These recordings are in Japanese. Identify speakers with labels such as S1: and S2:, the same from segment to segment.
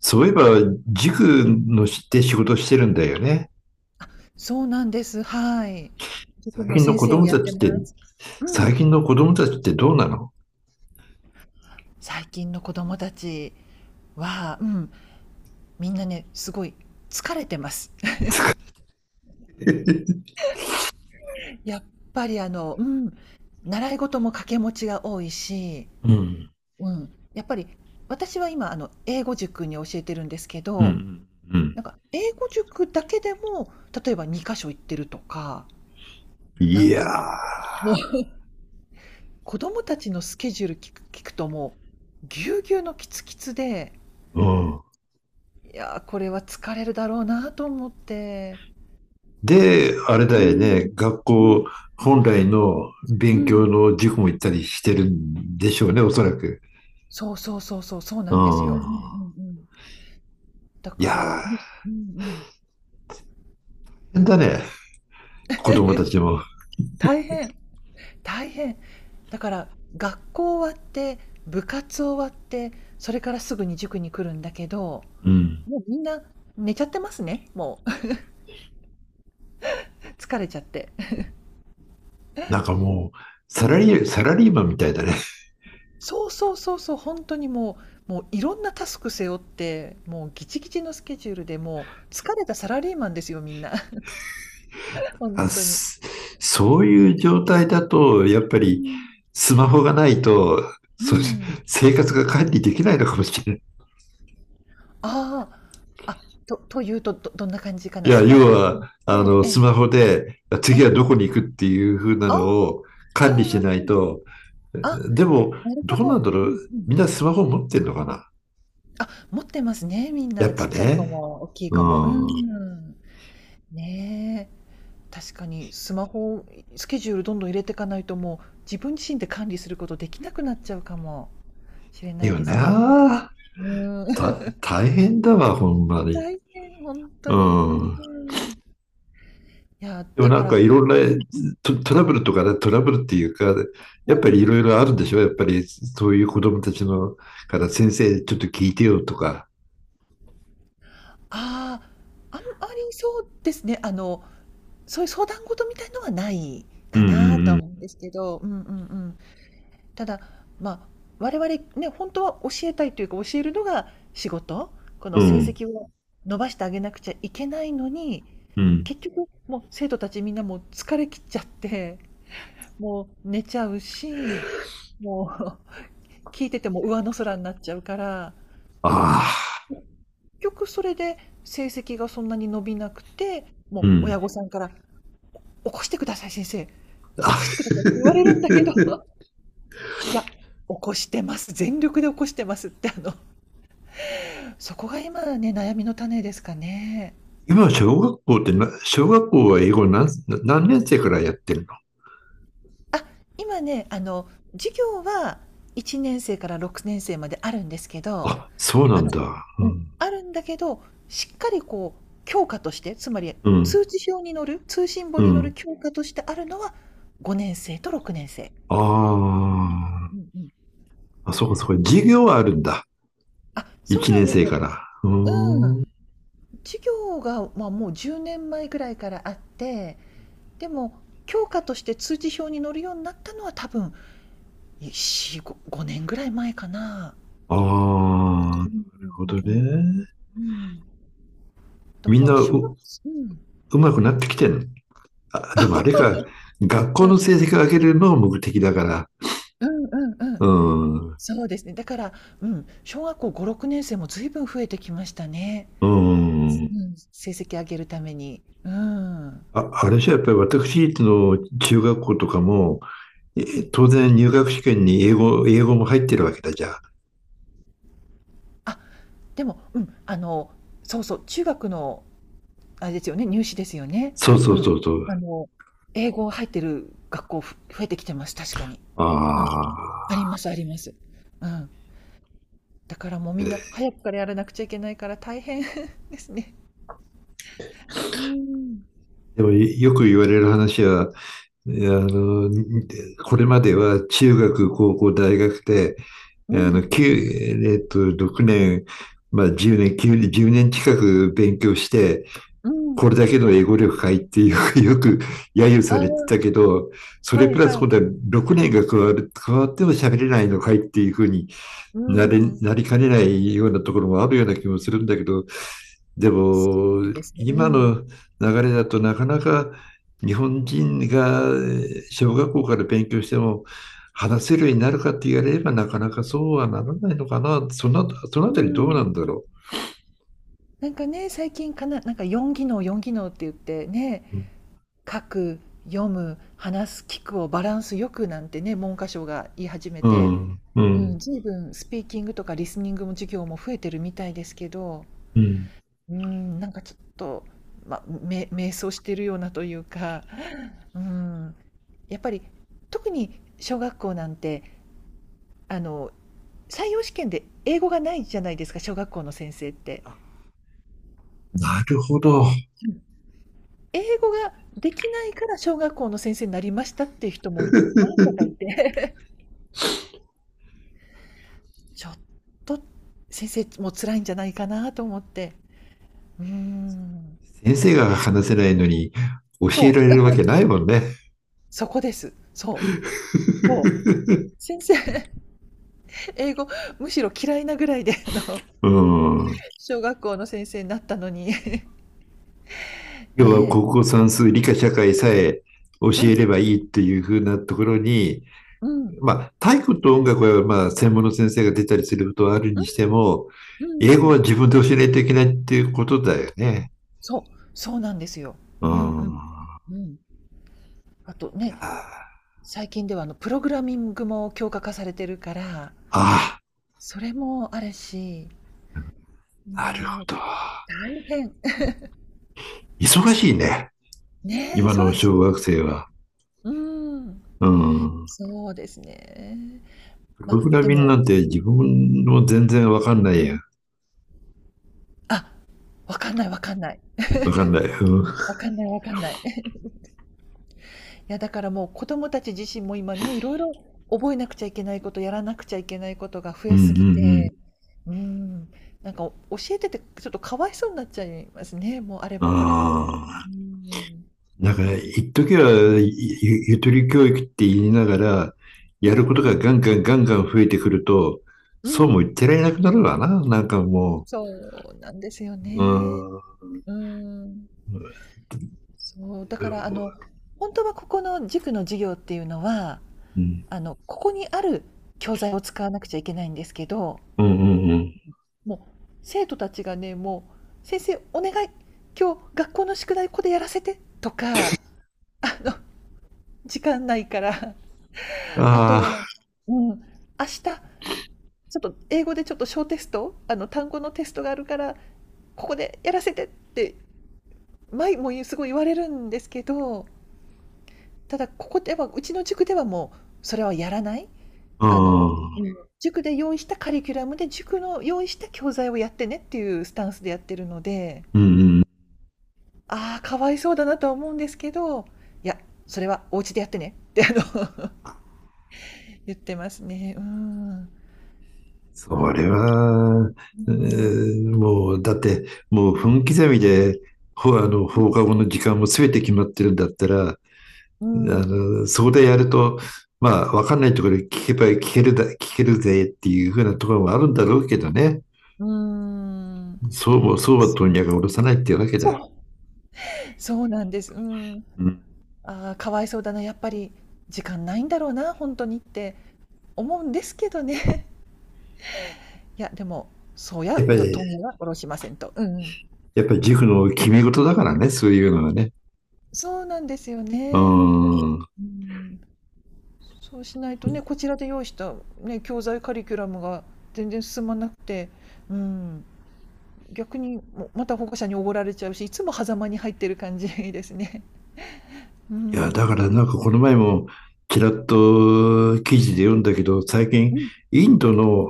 S1: そういえば、塾のしで仕事してるんだよね。
S2: そうなんです。はい。塾
S1: 最
S2: の
S1: 近の
S2: 先
S1: 子
S2: 生を
S1: 供
S2: やっ
S1: た
S2: て
S1: ちっ
S2: ま
S1: て、
S2: す。う
S1: 最
S2: ん。
S1: 近の子供たちってどうなの？
S2: 最近の子供たちは、うん、みんなね、すごい疲れてます。やっぱりうん、習い事も掛け持ちが多いし、
S1: うん。
S2: うん、やっぱり私は今英語塾に教えてるんですけ
S1: う
S2: ど、
S1: ん。うん。
S2: なんか英語塾だけでも、例えば2か所行ってるとか、な
S1: い
S2: ん
S1: や
S2: かね、もう 子供たちのスケジュール聞くともう、ぎゅうぎゅうのキツキツで
S1: ー。うん。
S2: いやー、これは疲れるだろうなと思って、ち
S1: で、
S2: ょっと
S1: あれ
S2: う
S1: だよね。
S2: ん。
S1: 学
S2: うん。
S1: 校本来の
S2: う
S1: 勉強
S2: ん。
S1: の塾も行ったりしてるんでしょうね、おそらく。
S2: そうそうそうそう、そうな
S1: う
S2: んですよ。
S1: ん。
S2: うんうんうん。だ
S1: いや
S2: から、う
S1: ー、
S2: ん、
S1: 大
S2: うんうん。
S1: 変だね。子供たちも。
S2: 大変、大変。だから、学校終わって、部活終わって、それからすぐに塾に来るんだけど、
S1: うん。
S2: もうみんな寝ちゃってますね、もう 疲れちゃって。
S1: なんかもう、サラリーマンみたいだね。
S2: そうそうそうそう、本当にもうもういろんなタスク背負って、もうギチギチのスケジュールで、もう疲れたサラリーマンですよ、みんな。本
S1: あ、
S2: 当に。
S1: すそういう状態だと、やっぱ
S2: う
S1: り
S2: ん。
S1: スマホがないと、
S2: うー
S1: そう、
S2: ん。
S1: 生活が管理できないのかもしれない。
S2: ああ、あ、というと、どんな感じか
S1: い
S2: な。
S1: や、
S2: スマ
S1: 要
S2: ホ使っ
S1: は、
S2: て、え
S1: スマホで
S2: え、え
S1: 次は
S2: え。
S1: どこに行くっていう風な
S2: あ
S1: のを
S2: あ、うん
S1: 管理
S2: うん
S1: しない
S2: うん。
S1: と。
S2: あ、
S1: でも、
S2: なるほ
S1: どう
S2: ど。
S1: なんだろ
S2: うん
S1: う。
S2: うん。
S1: みんなスマホ持ってんのかな。
S2: あ、持ってますね、みん
S1: やっ
S2: な。
S1: ぱ
S2: ちっちゃい子
S1: ね。
S2: も大きい
S1: う
S2: 子も。う
S1: ん。
S2: ん。ねえ確かにスマホをスケジュールどんどん入れていかないと、もう自分自身で管理することできなくなっちゃうかもしれ
S1: だ
S2: ない
S1: よ
S2: ですね。
S1: な。
S2: うーん。
S1: 大変だわ、ほんま
S2: 大
S1: に。
S2: 変、本当
S1: う
S2: に。う
S1: ん。
S2: ーん。いや、
S1: でも
S2: だ
S1: な
S2: か
S1: んかい
S2: ら
S1: ろんな
S2: うん
S1: トラブルとかね、トラブルっていうか、
S2: うん。
S1: やっ
S2: う
S1: ぱり
S2: ん。
S1: いろいろあるんでしょ。やっぱりそういう子供たちのから先生ちょっと聞いてよとか。
S2: ああ、あんまりそうですね、そういう相談事みたいのはない
S1: う
S2: かなとは
S1: ん
S2: 思うんですけど、うんうんうん。ただ、まあ、我々ね、本当は教えたいというか、教えるのが仕事、こ
S1: う
S2: の
S1: ん
S2: 成
S1: うん。う
S2: 績を伸ばしてあげなくちゃいけないのに、
S1: んうん
S2: 結局もう生徒たちみんなもう疲れきっちゃって、もう寝ちゃうし、もう 聞いてても上の空になっちゃうから、で、
S1: ああ
S2: 結局それで成績がそんなに伸びなくて、
S1: う
S2: もう親
S1: ん。
S2: 御さんから起こしてください先生、起
S1: あ
S2: こしてく ださいって言われるんだけど、いや、起こしてます、全力で起こしてますってそこが今ね、悩みの種ですかね。
S1: 今小学校ってな、小学校は英語何年生からやってるの？
S2: あ、今ね、授業は1年生から6年生まであるんですけど、
S1: あ、そうな
S2: あ
S1: ん
S2: の
S1: だ。う
S2: うん、
S1: ん。
S2: あるんだけど、しっかりこう教科として、つまり
S1: うん
S2: 通知表に載る、通信簿
S1: う
S2: に載る
S1: ん
S2: 教科としてあるのは5年生と6年生。
S1: あ
S2: うんうんうん。
S1: あ。あ、そうかそうか。授業はあるんだ。
S2: あ、そう
S1: 1
S2: なん
S1: 年
S2: です
S1: 生
S2: よ。
S1: から。う
S2: うん。
S1: ーん。
S2: 授業が、まあ、もう10年前ぐらいからあって、でも教科として通知表に載るようになったのは多分4、5、5年ぐらい前かな。
S1: ああ、な
S2: うんう
S1: るほど
S2: んうんう
S1: ね。
S2: んうんだ
S1: みん
S2: か
S1: な
S2: ら小学、
S1: うまくなってきてん。あ、でもあれか、学校
S2: うん、う
S1: の
S2: ん
S1: 成績を上げるのが目的だから。
S2: うんうんう
S1: う
S2: ん。
S1: ん。
S2: そうですね。だから、うん、小学校5、6年生も随分増えてきましたね。
S1: う
S2: う
S1: ん。
S2: ん成績上げるために。うん。う
S1: あ、あれじゃやっぱり私立の中学校とかも、
S2: ん。
S1: え当然入学試験に英語も入ってるわけだじゃん。
S2: あ、でも、うん、そうそう、中学の、あれですよね、入試ですよね。
S1: そうそ
S2: う
S1: う
S2: ん。
S1: そうそう。
S2: あの、英語入ってる学校増えてきてます、確かに。
S1: あ
S2: うん。ありま
S1: あ。
S2: す、あります。うん。だからもうみんな早くからやらなくちゃいけないから大変 ですね。うーん、
S1: でもよく言われる話は、あの、これまでは中学、高校、大学で、
S2: う
S1: あ
S2: ん、
S1: の、きゅうえっと、6年、まあ、10年、9ゅ1年近く勉強して、
S2: うん。
S1: これだけの英語力かいってよく揶揄さ
S2: あ
S1: れてたけど、そ
S2: あ、
S1: れ
S2: はい
S1: プラス
S2: は
S1: 今
S2: い。
S1: 度は6年が加わっても喋れないのかいっていうふうに
S2: うーん。
S1: なりかねないようなところもあるような気もするんだけど、で
S2: そ
S1: も
S2: うですね。う
S1: 今
S2: ん。う
S1: の流れだとなかなか日本人が小学校から勉強しても話せるようになるかって言われればなかなかそうはならないのかな。その
S2: ー
S1: あたりどうなん
S2: ん。
S1: だろ
S2: なんかね、最近かな、なんか4技能、4技能って言ってね、
S1: う。
S2: 書く、読む、話す、聞くをバランスよくなんてね、文科省が言い始め
S1: う
S2: て、
S1: ん、う
S2: うん、
S1: ん、
S2: 随分スピーキングとかリスニングも授業も増えてるみたいですけど、
S1: うん。
S2: うーん、なんかちょっと、ま、迷走してるようなというか、うーん、やっぱり特に小学校なんて、あの、採用試験で英語がないじゃないですか、小学校の先生って。
S1: なるほど。
S2: うん。英語ができないから小学校の先生になりましたっていう人もわ んさかいて、ちょっと先生も辛いんじゃないかなと思って。うーん。
S1: 先生が話せないのに教えら
S2: そ
S1: れ
S2: う、
S1: るわ
S2: うん、
S1: けないもんね。
S2: そこです。そう、そう。先生、英語むしろ嫌いなぐらいで、
S1: うん。
S2: 小学校の先生になったのに
S1: 要は
S2: ね
S1: 国語算数、理科社会さえ教
S2: え。う
S1: えれ
S2: ん、
S1: ばいいっていう風なところに、
S2: うん、
S1: まあ、体育と音楽はまあ専門の先生が出たりすることはある
S2: う
S1: にして
S2: ん、
S1: も、
S2: う
S1: 英
S2: ん
S1: 語
S2: うん。
S1: は自分で教えないといけないっていうことだよね。
S2: そう、そうなんですよ。
S1: う
S2: うんう
S1: ん。
S2: ん。うん。あと
S1: いや
S2: ね、最近ではプログラミングも強化化されてるから、
S1: あ
S2: それもあるし、
S1: あ、なるほ
S2: もう
S1: ど。
S2: 大変。
S1: 忙しいね。
S2: ねえ、
S1: 今の
S2: 忙し
S1: 小学
S2: い。
S1: 生は。
S2: うん。
S1: うん。
S2: そうですね。
S1: プ
S2: ま
S1: ロ
S2: あ、
S1: グラ
S2: で
S1: ミング
S2: も、
S1: なんて
S2: う
S1: 自
S2: ん
S1: 分も全然わかんないや。
S2: あ、わかんないわかんない。
S1: わかんない。うん、うん、
S2: わかんないわかんない。や、だからもう子供たち自身も今ね、いろいろ覚えなくちゃいけないこと、やらなくちゃいけないことが増
S1: う
S2: えすぎ
S1: ん
S2: て、うん、なんか教えててちょっとかわいそうになっちゃいますね。もうあれ
S1: うん。
S2: もこれもで。
S1: あ
S2: う
S1: あ。
S2: ん。
S1: なんか、一時はゆとり教育って言いながら、
S2: う
S1: やる
S2: ん
S1: こと
S2: う
S1: が
S2: ん。
S1: ガンガンガンガン増えてくると、
S2: う
S1: そうも言っ
S2: ん。
S1: てられなくなるわな。なんかも
S2: そうなんですよ
S1: う、うー
S2: ね。
S1: ん、う
S2: うん。そう、だから本当はここの塾の授業っていうのは、
S1: ん、
S2: ここにある教材を使わなくちゃいけないんですけど
S1: うん、うん
S2: もう生徒たちがねもう「先生お願い今日学校の宿題ここでやらせて」とかの 時間ないから
S1: うん。
S2: あとは、
S1: あ
S2: うん、明日ちょっと英語でちょっと小テスト単語のテストがあるからここでやらせてって前もすごい言われるんですけどただここではうちの塾ではもうそれはやらない。
S1: あ、う
S2: あの、
S1: ん、
S2: うん、塾で用意したカリキュラムで塾の用意した教材をやってねっていうスタンスでやってるので。
S1: うん、うん。
S2: ああ、かわいそうだなとは思うんですけど、いや、それはお家でやってねって言ってますね。うーん。
S1: そ
S2: まあ
S1: れ
S2: ね。
S1: は、
S2: うん。
S1: もう、だって、もう分刻みで、ほ、あの、放課後の時間も全て決まってるんだったら、
S2: うん。
S1: そこでやると、まあ、わかんないところで聞けば聞けるぜっていうふうなところもあるんだろうけどね。
S2: うん。
S1: そうも、そうは
S2: そう。
S1: 問屋が下ろさないっていうわけだ。
S2: そう。そうなんです。うん。
S1: うん。
S2: ああ、かわいそうだな、やっぱり時間ないんだろうな、本当にって思うんですけどね。いや、でも、そう
S1: やっ
S2: や
S1: ぱ
S2: うわ問
S1: り、
S2: 屋は殺しませんと。うんうん。
S1: やっぱり塾の決め事だからね、そういうのはね。
S2: そうなんですよ
S1: う
S2: ね。
S1: ん。い
S2: うん。そうしないとね、こちらで用意した、ね、教材カリキュラムが全然進まなくて、うん、逆にもまた保護者におごられちゃうし、いつも狭間に入ってる感じですね。う
S1: や、だか
S2: ん。
S1: らなんかこの前も、ちらっと記事で読んだけど、最近、
S2: うん。
S1: インドの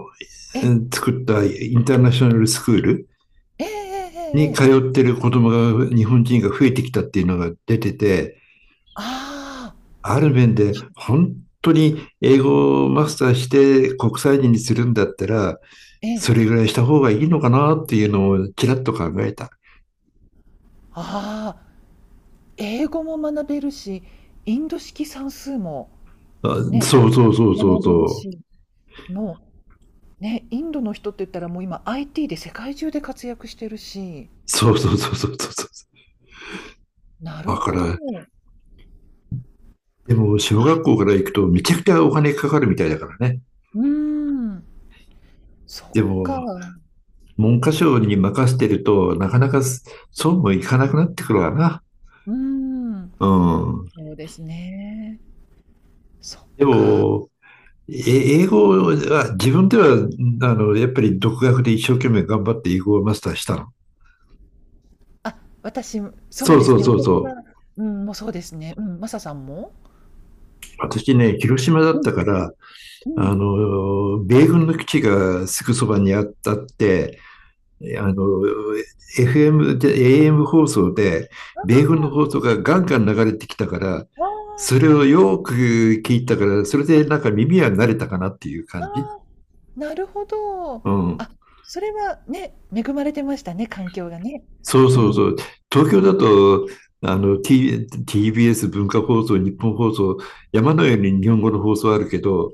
S2: え、
S1: 作ったインターナショナルスクール
S2: ええええ
S1: に
S2: ええ
S1: 通ってる子供が、日本人が増えてきたっていうのが出てて、
S2: ああ、
S1: ある面で本当に英語をマスターして国際人にするんだったら、
S2: ええ、
S1: それぐらいした方がいいのかなっていうのをちらっと考えた。
S2: ああ、英語も学べるし、インド式算数も
S1: あ、
S2: ね、
S1: そうそうそうそう
S2: 学べる
S1: そう。
S2: し、もうね、インドの人って言ったらもう今 IT で世界中で活躍してるし、
S1: そうそうそうそうそうそう。
S2: なる
S1: だか
S2: ほど。
S1: ら、でも小学校から行くとめちゃくちゃお金かかるみたいだからね。
S2: うーん。そっ
S1: で
S2: か。
S1: も、
S2: う
S1: 文科省に任せてると、なかなかそうもいかなくなってくるわな。
S2: ーん。
S1: うん。
S2: そうですね。そっ
S1: で
S2: か。
S1: も、英語は、自分では、やっぱり独学で一生懸命頑張って英語をマスターしたの。
S2: あ、私そ
S1: そ
S2: う
S1: う
S2: で
S1: そ
S2: す
S1: う
S2: ね、
S1: そ
S2: 私
S1: うそう。
S2: はうん、もうそうですね。うん、マサさんも？
S1: 私ね、広島だっ
S2: うん、
S1: たから、
S2: うん。
S1: 米軍の基地がすぐそばにあったって、あの、FM で、AM 放送で、米軍
S2: あ
S1: の放送がガンガン流れてきたから、
S2: あ、
S1: そ
S2: あ
S1: れをよく聞いたから、それでなんか耳は慣れたかなっていう
S2: あ、あ
S1: 感じ。
S2: あ、なるほど。
S1: うん。
S2: あ、それはね、恵まれてましたね、環境がね。
S1: そう
S2: う
S1: そうそう。
S2: ん。
S1: 東
S2: う
S1: 京だ
S2: ん。
S1: と、TBS 文化放送、日本放送、山のように日本語の放送あるけど、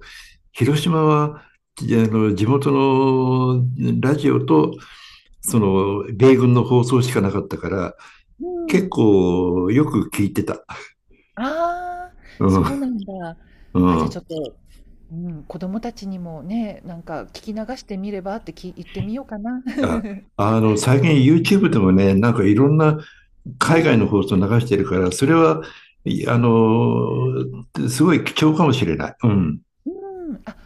S1: 広島は、じあの、地元のラジオと、米軍の放送しかなかったから、
S2: う
S1: 結
S2: ん。
S1: 構よく聞いてた。
S2: ああ、
S1: うん、
S2: そうなんだ。
S1: う
S2: あ、じゃ、あ
S1: ん。
S2: ちょっと、うん、子供たちにもね、なんか聞き流してみればって言ってみようかな。
S1: あ、最近 YouTube でもね、なんかいろんな
S2: う
S1: 海外
S2: ん、
S1: の
S2: う
S1: 放送流してるから、それは、いあの、すごい貴重かもしれない。うん、
S2: ん。あ、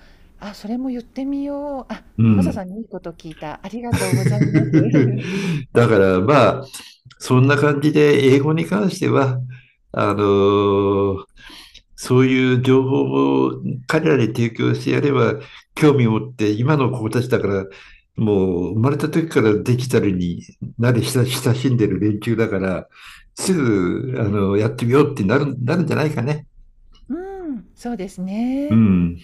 S2: あ、それも言ってみよう。あ、
S1: う
S2: マサさ
S1: ん。
S2: んにいいこと聞いた。ありがとうございます。
S1: だからまあ、そんな感じで英語に関しては、あのーそういう情報を彼らに提供してやれば、興味を持って今の子たちだから、もう生まれた時からデジタルに慣れ親しんでる連中だから、すぐ、やってみようってなるんじゃないかね。
S2: うん、そうです
S1: う
S2: ね。
S1: ん。